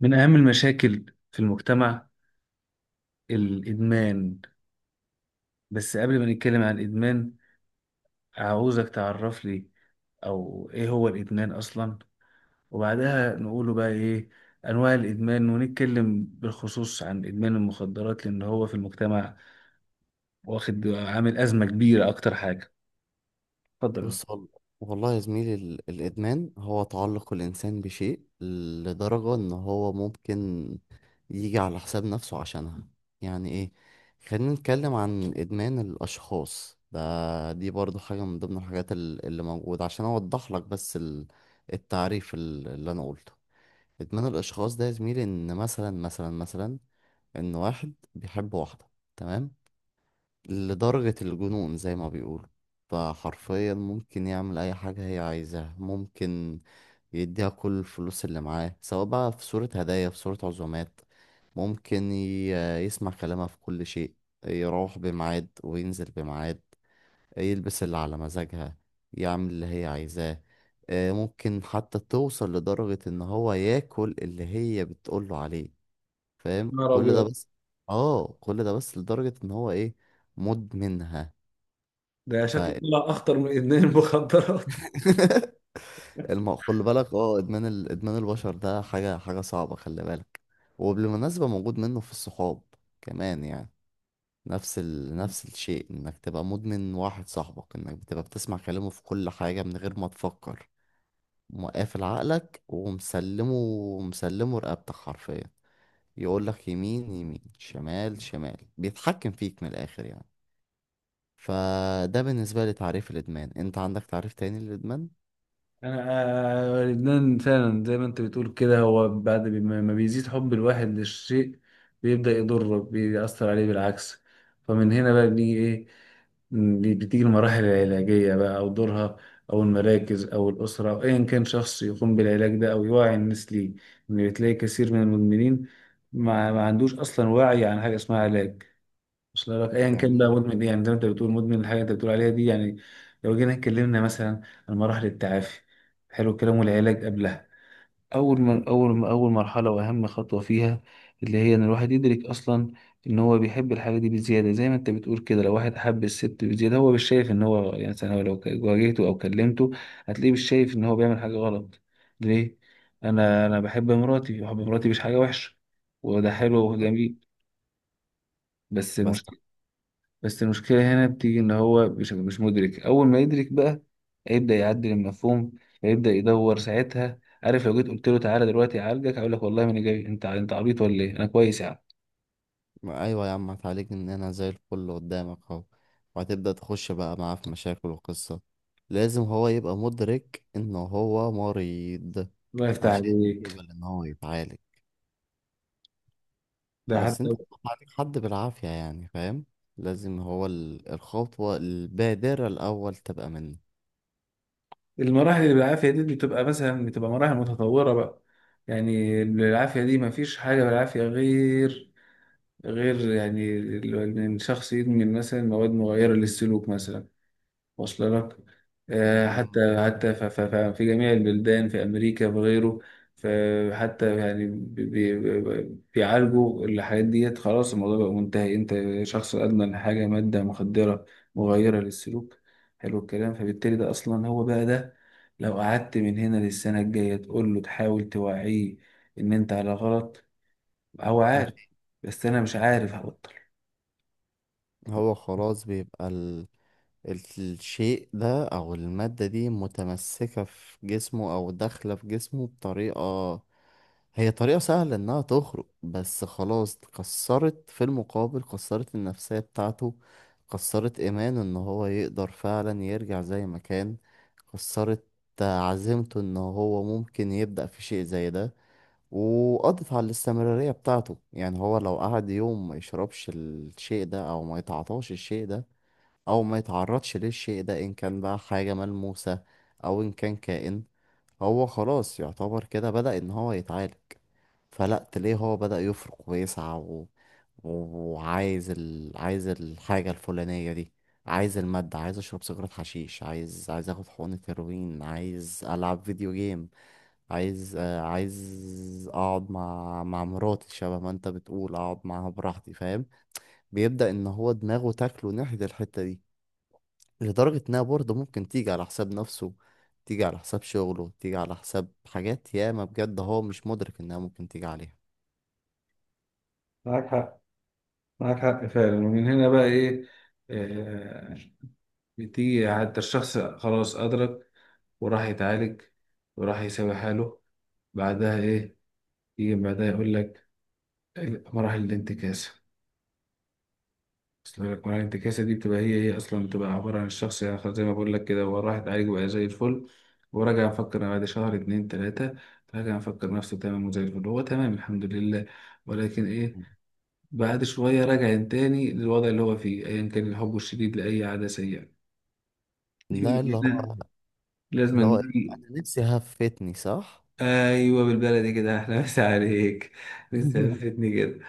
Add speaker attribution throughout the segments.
Speaker 1: من أهم المشاكل في المجتمع الإدمان. بس قبل ما نتكلم عن الإدمان, عاوزك تعرف لي أو إيه هو الإدمان أصلا, وبعدها نقوله بقى إيه أنواع الإدمان, ونتكلم بالخصوص عن إدمان المخدرات لأن هو في المجتمع واخد عامل أزمة كبيرة أكتر حاجة. اتفضل.
Speaker 2: بص والله يا زميلي، الإدمان هو تعلق الإنسان بشيء لدرجة إن هو ممكن يجي على حساب نفسه عشانها. يعني إيه؟ خلينا نتكلم عن إدمان الأشخاص ده، دي برضو حاجة من ضمن الحاجات اللي موجودة، عشان أوضح لك بس التعريف اللي أنا قلته. إدمان الأشخاص ده يا زميلي، إن مثلا إن واحد بيحب واحدة، تمام، لدرجة الجنون زي ما بيقولوا. فحرفيا ممكن يعمل أي حاجة هي عايزاها، ممكن يديها كل الفلوس اللي معاه سواء بقى في صورة هدايا، في صورة عزومات، ممكن يسمع كلامها في كل شيء، يروح بميعاد وينزل بميعاد، يلبس اللي على مزاجها، يعمل اللي هي عايزاه. ممكن حتى توصل لدرجة إن هو ياكل اللي هي بتقوله عليه، فاهم؟
Speaker 1: نهار
Speaker 2: كل ده
Speaker 1: أبيض!
Speaker 2: بس. اه كل ده بس لدرجة إن هو إيه؟ مدمنها.
Speaker 1: ده
Speaker 2: ف
Speaker 1: شكله طلع أخطر من إدمان المخدرات.
Speaker 2: خلي بالك. اه ادمان البشر ده، حاجه صعبه، خلي بالك. وبالمناسبه موجود منه في الصحاب كمان يعني. نفس الشيء، انك تبقى مدمن واحد صاحبك، انك بتبقى بتسمع كلامه في كل حاجه من غير ما تفكر، مقافل عقلك ومسلمه، مسلمه رقبتك حرفيا. يقول لك يمين يمين، شمال شمال، بيتحكم فيك من الاخر يعني. فده بالنسبه لي تعريف الادمان. انت عندك تعريف تاني للادمان؟
Speaker 1: انا لبنان فعلا زي ما انت بتقول كده, هو بعد ما بيزيد حب الواحد للشيء, بيبدأ يضره, بيأثر عليه بالعكس. فمن هنا بقى بنيجي ايه, بتيجي المراحل العلاجية بقى أو دورها, أو المراكز أو الأسرة أو أيا كان شخص يقوم بالعلاج ده أو يوعي الناس ليه. إن بتلاقي كثير من المدمنين ما عندوش أصلا وعي عن حاجة اسمها علاج. وصل لك ايا كان بقى
Speaker 2: جميل.
Speaker 1: مدمن ايه, يعني زي ما انت بتقول مدمن الحاجه انت بتقول عليها دي يعني. لو جينا اتكلمنا مثلا عن مراحل التعافي, حلو الكلام, والعلاج قبلها اول ما اول ما اول مرحله واهم خطوه فيها, اللي هي ان الواحد يدرك اصلا ان هو بيحب الحاجه دي بزياده. زي ما انت بتقول كده, لو واحد حب الست بزياده, هو مش شايف ان هو يعني مثلا, هو لو واجهته او كلمته, هتلاقيه مش شايف ان هو بيعمل حاجه غلط. ليه؟ انا بحب مراتي, بحب مراتي مش حاجه وحشه, وده حلو
Speaker 2: طب.
Speaker 1: وجميل. بس
Speaker 2: بس.
Speaker 1: المشكله بس المشكلة هنا بتيجي إن هو مش مدرك. أول ما يدرك بقى هيبدأ يعدل المفهوم, هيبدأ يدور ساعتها. عارف لو جيت قلت له تعالى دلوقتي أعالجك, هيقول لك والله ما أنا جاي, أنت عبيط ولا إيه, أنا كويس يا عم.
Speaker 2: ما، ايوه يا عم هتعالجني؟ ان انا زي الفل قدامك اهو. وهتبدأ تخش بقى معاه في مشاكل وقصة. لازم هو يبقى مدرك ان هو مريض
Speaker 1: الله يفتح
Speaker 2: عشان
Speaker 1: عليك.
Speaker 2: يقبل ان هو يتعالج.
Speaker 1: ده
Speaker 2: بس
Speaker 1: حتى
Speaker 2: انت بتعالج حد بالعافية يعني، فاهم. لازم هو الخطوة البادرة الاول تبقى منه.
Speaker 1: المراحل اللي بالعافية دي بتبقى مثلا بتبقى مراحل متطورة بقى. يعني بالعافية دي مفيش حاجة بالعافية غير يعني إن الشخص يدمن مثلا مواد مغيرة للسلوك مثلا. واصل لك. آه،
Speaker 2: مم.
Speaker 1: حتى حتى ف- ف- ف- في جميع البلدان في أمريكا وغيره. فحتى يعني بيعالجوا الحاجات ديت. خلاص الموضوع بقى منتهي. أنت شخص أدمن حاجة, مادة مخدرة مغيرة للسلوك. حلو الكلام. فبالتالي ده أصلا هو بقى ده, لو قعدت من هنا للسنة الجاية تقول له تحاول توعيه إن أنت على غلط, هو
Speaker 2: ما
Speaker 1: عارف.
Speaker 2: في-
Speaker 1: بس أنا مش عارف هبطل.
Speaker 2: هو خلاص بيبقى الشيء ده أو المادة دي متمسكة في جسمه أو داخلة في جسمه بطريقة، هي طريقة سهلة إنها تخرج. بس خلاص كسرت. في المقابل كسرت النفسية بتاعته، كسرت إيمانه إن هو يقدر فعلا يرجع زي ما كان، كسرت عزيمته إن هو ممكن يبدأ في شيء زي ده، وقضت على الاستمرارية بتاعته. يعني هو لو قعد يوم ما يشربش الشيء ده أو ما يتعاطاش الشيء ده او ما يتعرضش للشيء ده، ان كان بقى حاجة ملموسة او ان كان كائن، هو خلاص يعتبر كده بدأ ان هو يتعالج. فلا تلاقيه هو بدأ يفرق ويسعى وعايز عايز الحاجة الفلانية دي، عايز المادة، عايز اشرب سيجارة حشيش، عايز اخد حقنة هيروين، عايز العب فيديو جيم، عايز اقعد مع مراتي، شبه ما انت بتقول اقعد معاها براحتي، فاهم. بيبدأ ان هو دماغه تاكله ناحية الحتة دي لدرجة إنها برضه ممكن تيجي على حساب نفسه، تيجي على حساب شغله، تيجي على حساب حاجات ياما بجد هو مش مدرك إنها ممكن تيجي عليها.
Speaker 1: معاك حق, معاك حق فعلا فعلا, ومن هنا بقى ايه, آه بتيجي حتى الشخص خلاص أدرك وراح يتعالج وراح يساوي حاله. بعدها إيه؟ يجي بعدها يقول لك مراحل الانتكاسة. أصل لك مراحل الانتكاسة دي بتبقى هي أصلا بتبقى عبارة عن الشخص, يعني خلاص زي ما بقول لك كده, هو راح يتعالج وبقى زي الفل, وراجع مفكر أنا بعد شهر اتنين تلاتة, راجع مفكر نفسه تمام وزي الفل, هو تمام الحمد لله. ولكن إيه, بعد شوية راجع تاني للوضع اللي هو فيه, أيا كان الحب الشديد لأي عادة سيئة. دي
Speaker 2: ده
Speaker 1: من
Speaker 2: اللي
Speaker 1: هنا
Speaker 2: هو
Speaker 1: لازم
Speaker 2: اللي هو إيه؟
Speaker 1: نيجي.
Speaker 2: أنا نفسي هفتني، صح؟
Speaker 1: ايوه بالبلدي كده, احلى مسا عليك, بتثبتني كده.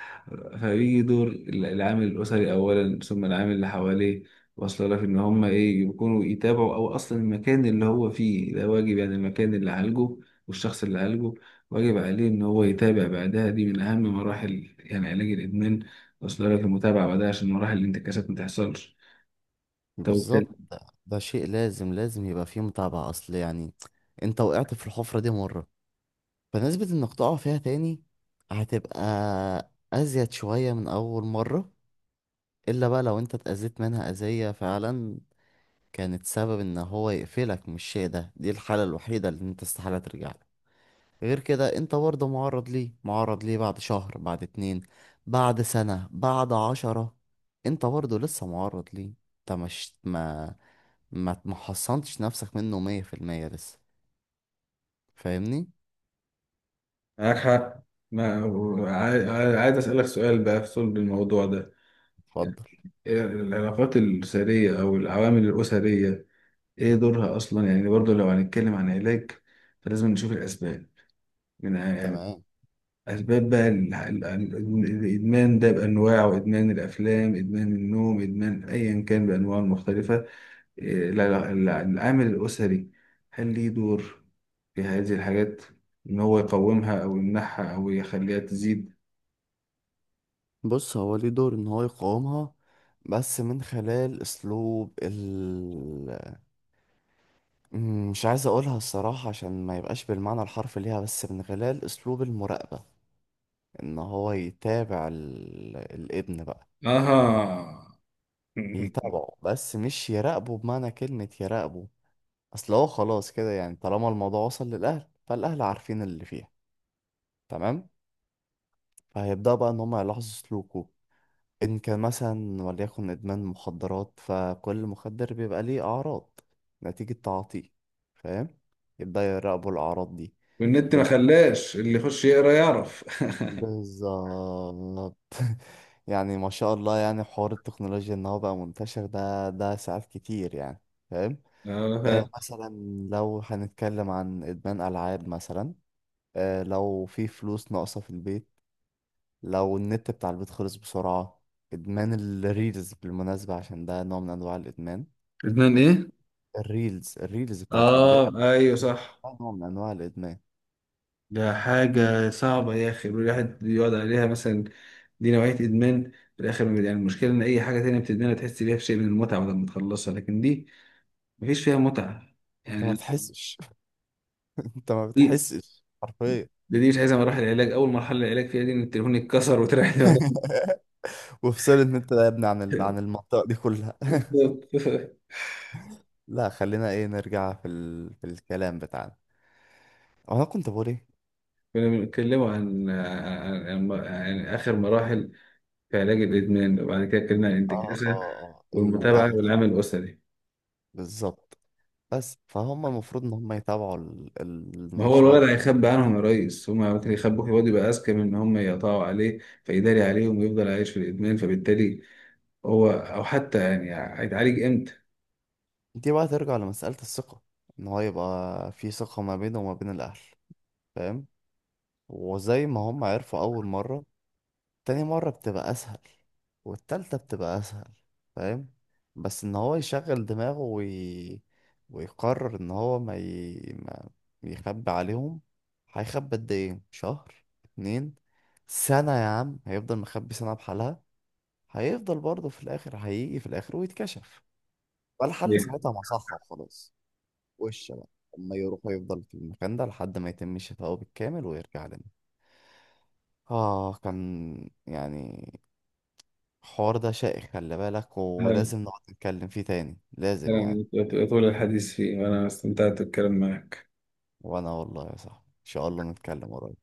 Speaker 1: فبيجي دور العامل الاسري اولا, ثم العامل اللي حواليه. واصله لك ان هم ايه يكونوا يتابعوا, او اصلا المكان اللي هو فيه ده واجب, يعني المكان اللي عالجه والشخص اللي عالجه واجب عليه ان هو يتابع بعدها. دي من اهم مراحل يعني علاج الادمان. واصله لك المتابعه بعدها عشان مراحل الانتكاسات ما تحصلش. طب
Speaker 2: بالظبط.
Speaker 1: وبالتالي,
Speaker 2: ده، ده شيء لازم لازم يبقى فيه متابعة. أصل يعني أنت وقعت في الحفرة دي مرة، فنسبة إنك تقع فيها تاني هتبقى أزيد شوية من أول مرة، إلا بقى لو أنت اتأذيت منها أذية فعلا كانت سبب ان هو يقفلك من الشيء ده. دي الحالة الوحيدة اللي انت استحالة ترجع له. غير كده انت برضه معرض ليه، معرض ليه بعد شهر، بعد اتنين، بعد سنة، بعد 10. انت برضه لسه معرض ليه. انت مش ما حصنتش نفسك منه 100% لسه، فاهمني؟
Speaker 1: معاك حق. ما عايز اسالك سؤال بقى في صلب الموضوع ده.
Speaker 2: اتفضل.
Speaker 1: العلاقات الأسرية أو العوامل الأسرية, إيه دورها أصلا؟ يعني برضو لو هنتكلم عن علاج, فلازم نشوف الأسباب, من يعني
Speaker 2: تمام.
Speaker 1: أسباب بقى الإدمان ده بأنواعه, إدمان الأفلام, إدمان النوم, إدمان أيا كان بأنواعه المختلفة. إيه العامل الأسري, هل ليه دور في هذه الحاجات, إن هو يقومها أو يمنعها أو يخليها تزيد؟
Speaker 2: بص، هو ليه دور ان هو يقاومها بس من خلال اسلوب مش عايز اقولها الصراحة عشان ما يبقاش بالمعنى الحرفي ليها، بس من خلال اسلوب المراقبة. ان هو يتابع الابن بقى،
Speaker 1: آها.
Speaker 2: يتابعه بس مش يراقبه بمعنى كلمة يراقبه. اصل هو خلاص كده يعني، طالما الموضوع وصل للاهل فالاهل عارفين اللي فيها، تمام. فهيبدأ بقى ان هم يلاحظوا سلوكه، ان كان مثلا وليكن ادمان مخدرات، فكل مخدر بيبقى ليه اعراض نتيجة تعاطيه، فاهم. يبدأ يراقبوا الاعراض دي.
Speaker 1: والنت ما خلاش اللي يخش يقرا يعرف.
Speaker 2: بالظبط. يعني ما شاء الله يعني حوار التكنولوجيا ان هو بقى منتشر ده ساعات كتير يعني، فاهم.
Speaker 1: اه فعلا.
Speaker 2: مثلا، لو هنتكلم عن ادمان العاب مثلا، لو في فلوس ناقصه في البيت، لو النت بتاع البيت خلص بسرعه. ادمان الريلز بالمناسبه، عشان ده نوع من انواع الادمان.
Speaker 1: لبنان ايه؟
Speaker 2: الريلز بتاعت الفيديوهات،
Speaker 1: اه ايوه صح.
Speaker 2: ده نوع من انواع الادمان.
Speaker 1: ده حاجة صعبة يا اخي, الواحد يقعد عليها مثلا. دي نوعية ادمان في الاخر ما بي- يعني المشكلة ان اي حاجة تانية بتدمنها تحس بيها بشيء من المتعة بعد ما تخلصها, لكن دي مفيش فيها متعة
Speaker 2: انت ما
Speaker 1: يعني.
Speaker 2: بتحسش. انت ما
Speaker 1: دي
Speaker 2: بتحسش حرفيا.
Speaker 1: دي مش عايزة مراحل العلاج. اول مرحلة العلاج فيها دي ان التليفون يتكسر وتريح دماغك.
Speaker 2: وفصلت من انت يا ابني عن عن المنطقة دي كلها.
Speaker 1: بالظبط.
Speaker 2: لا، خلينا ايه، نرجع في في الكلام بتاعنا. انا كنت بقول ايه؟
Speaker 1: كنا بنتكلم عن اخر مراحل في علاج الادمان, وبعد كده اتكلمنا عن الانتكاسة
Speaker 2: اه
Speaker 1: والمتابعة
Speaker 2: الاهل.
Speaker 1: والعمل الاسري.
Speaker 2: بالظبط. بس فهم المفروض ان هم يتابعوا
Speaker 1: ما هو
Speaker 2: النشاط.
Speaker 1: الولد هيخبي عنهم يا ريس, هما ممكن يخبوك, الواد يبقى أذكى من إن هم يقطعوا عليه فيداري عليهم ويفضل عايش في الإدمان. فبالتالي هو أو حتى يعني هيتعالج إمتى؟
Speaker 2: دي بقى ترجع لمسألة الثقة، ان هو يبقى في ثقة ما بينه وما بين الاهل، فاهم. وزي ما هم عرفوا اول مرة، تاني مرة بتبقى أسهل، والتالتة بتبقى أسهل، فاهم. بس إن هو يشغل دماغه ويقرر إن هو ما يخبي عليهم. هيخبي قد إيه، شهر، اتنين، سنة؟ يا عم هيفضل مخبي سنة بحالها، هيفضل برضه في الآخر، هيجي في الآخر ويتكشف. والحل
Speaker 1: إيه.
Speaker 2: ساعتها مصحة وخلاص. وش بقى، أما يروح ويفضل في المكان ده لحد ما يتم شفائه بالكامل ويرجع لنا. كان يعني الحوار ده شائك، خلي بالك،
Speaker 1: أنا-
Speaker 2: ولازم نقعد نتكلم فيه تاني، لازم يعني.
Speaker 1: أنا طول الحديث فيه وأنا استمتعت بالكلام معك.
Speaker 2: وانا والله يا صاحبي ان شاء الله نتكلم قريب.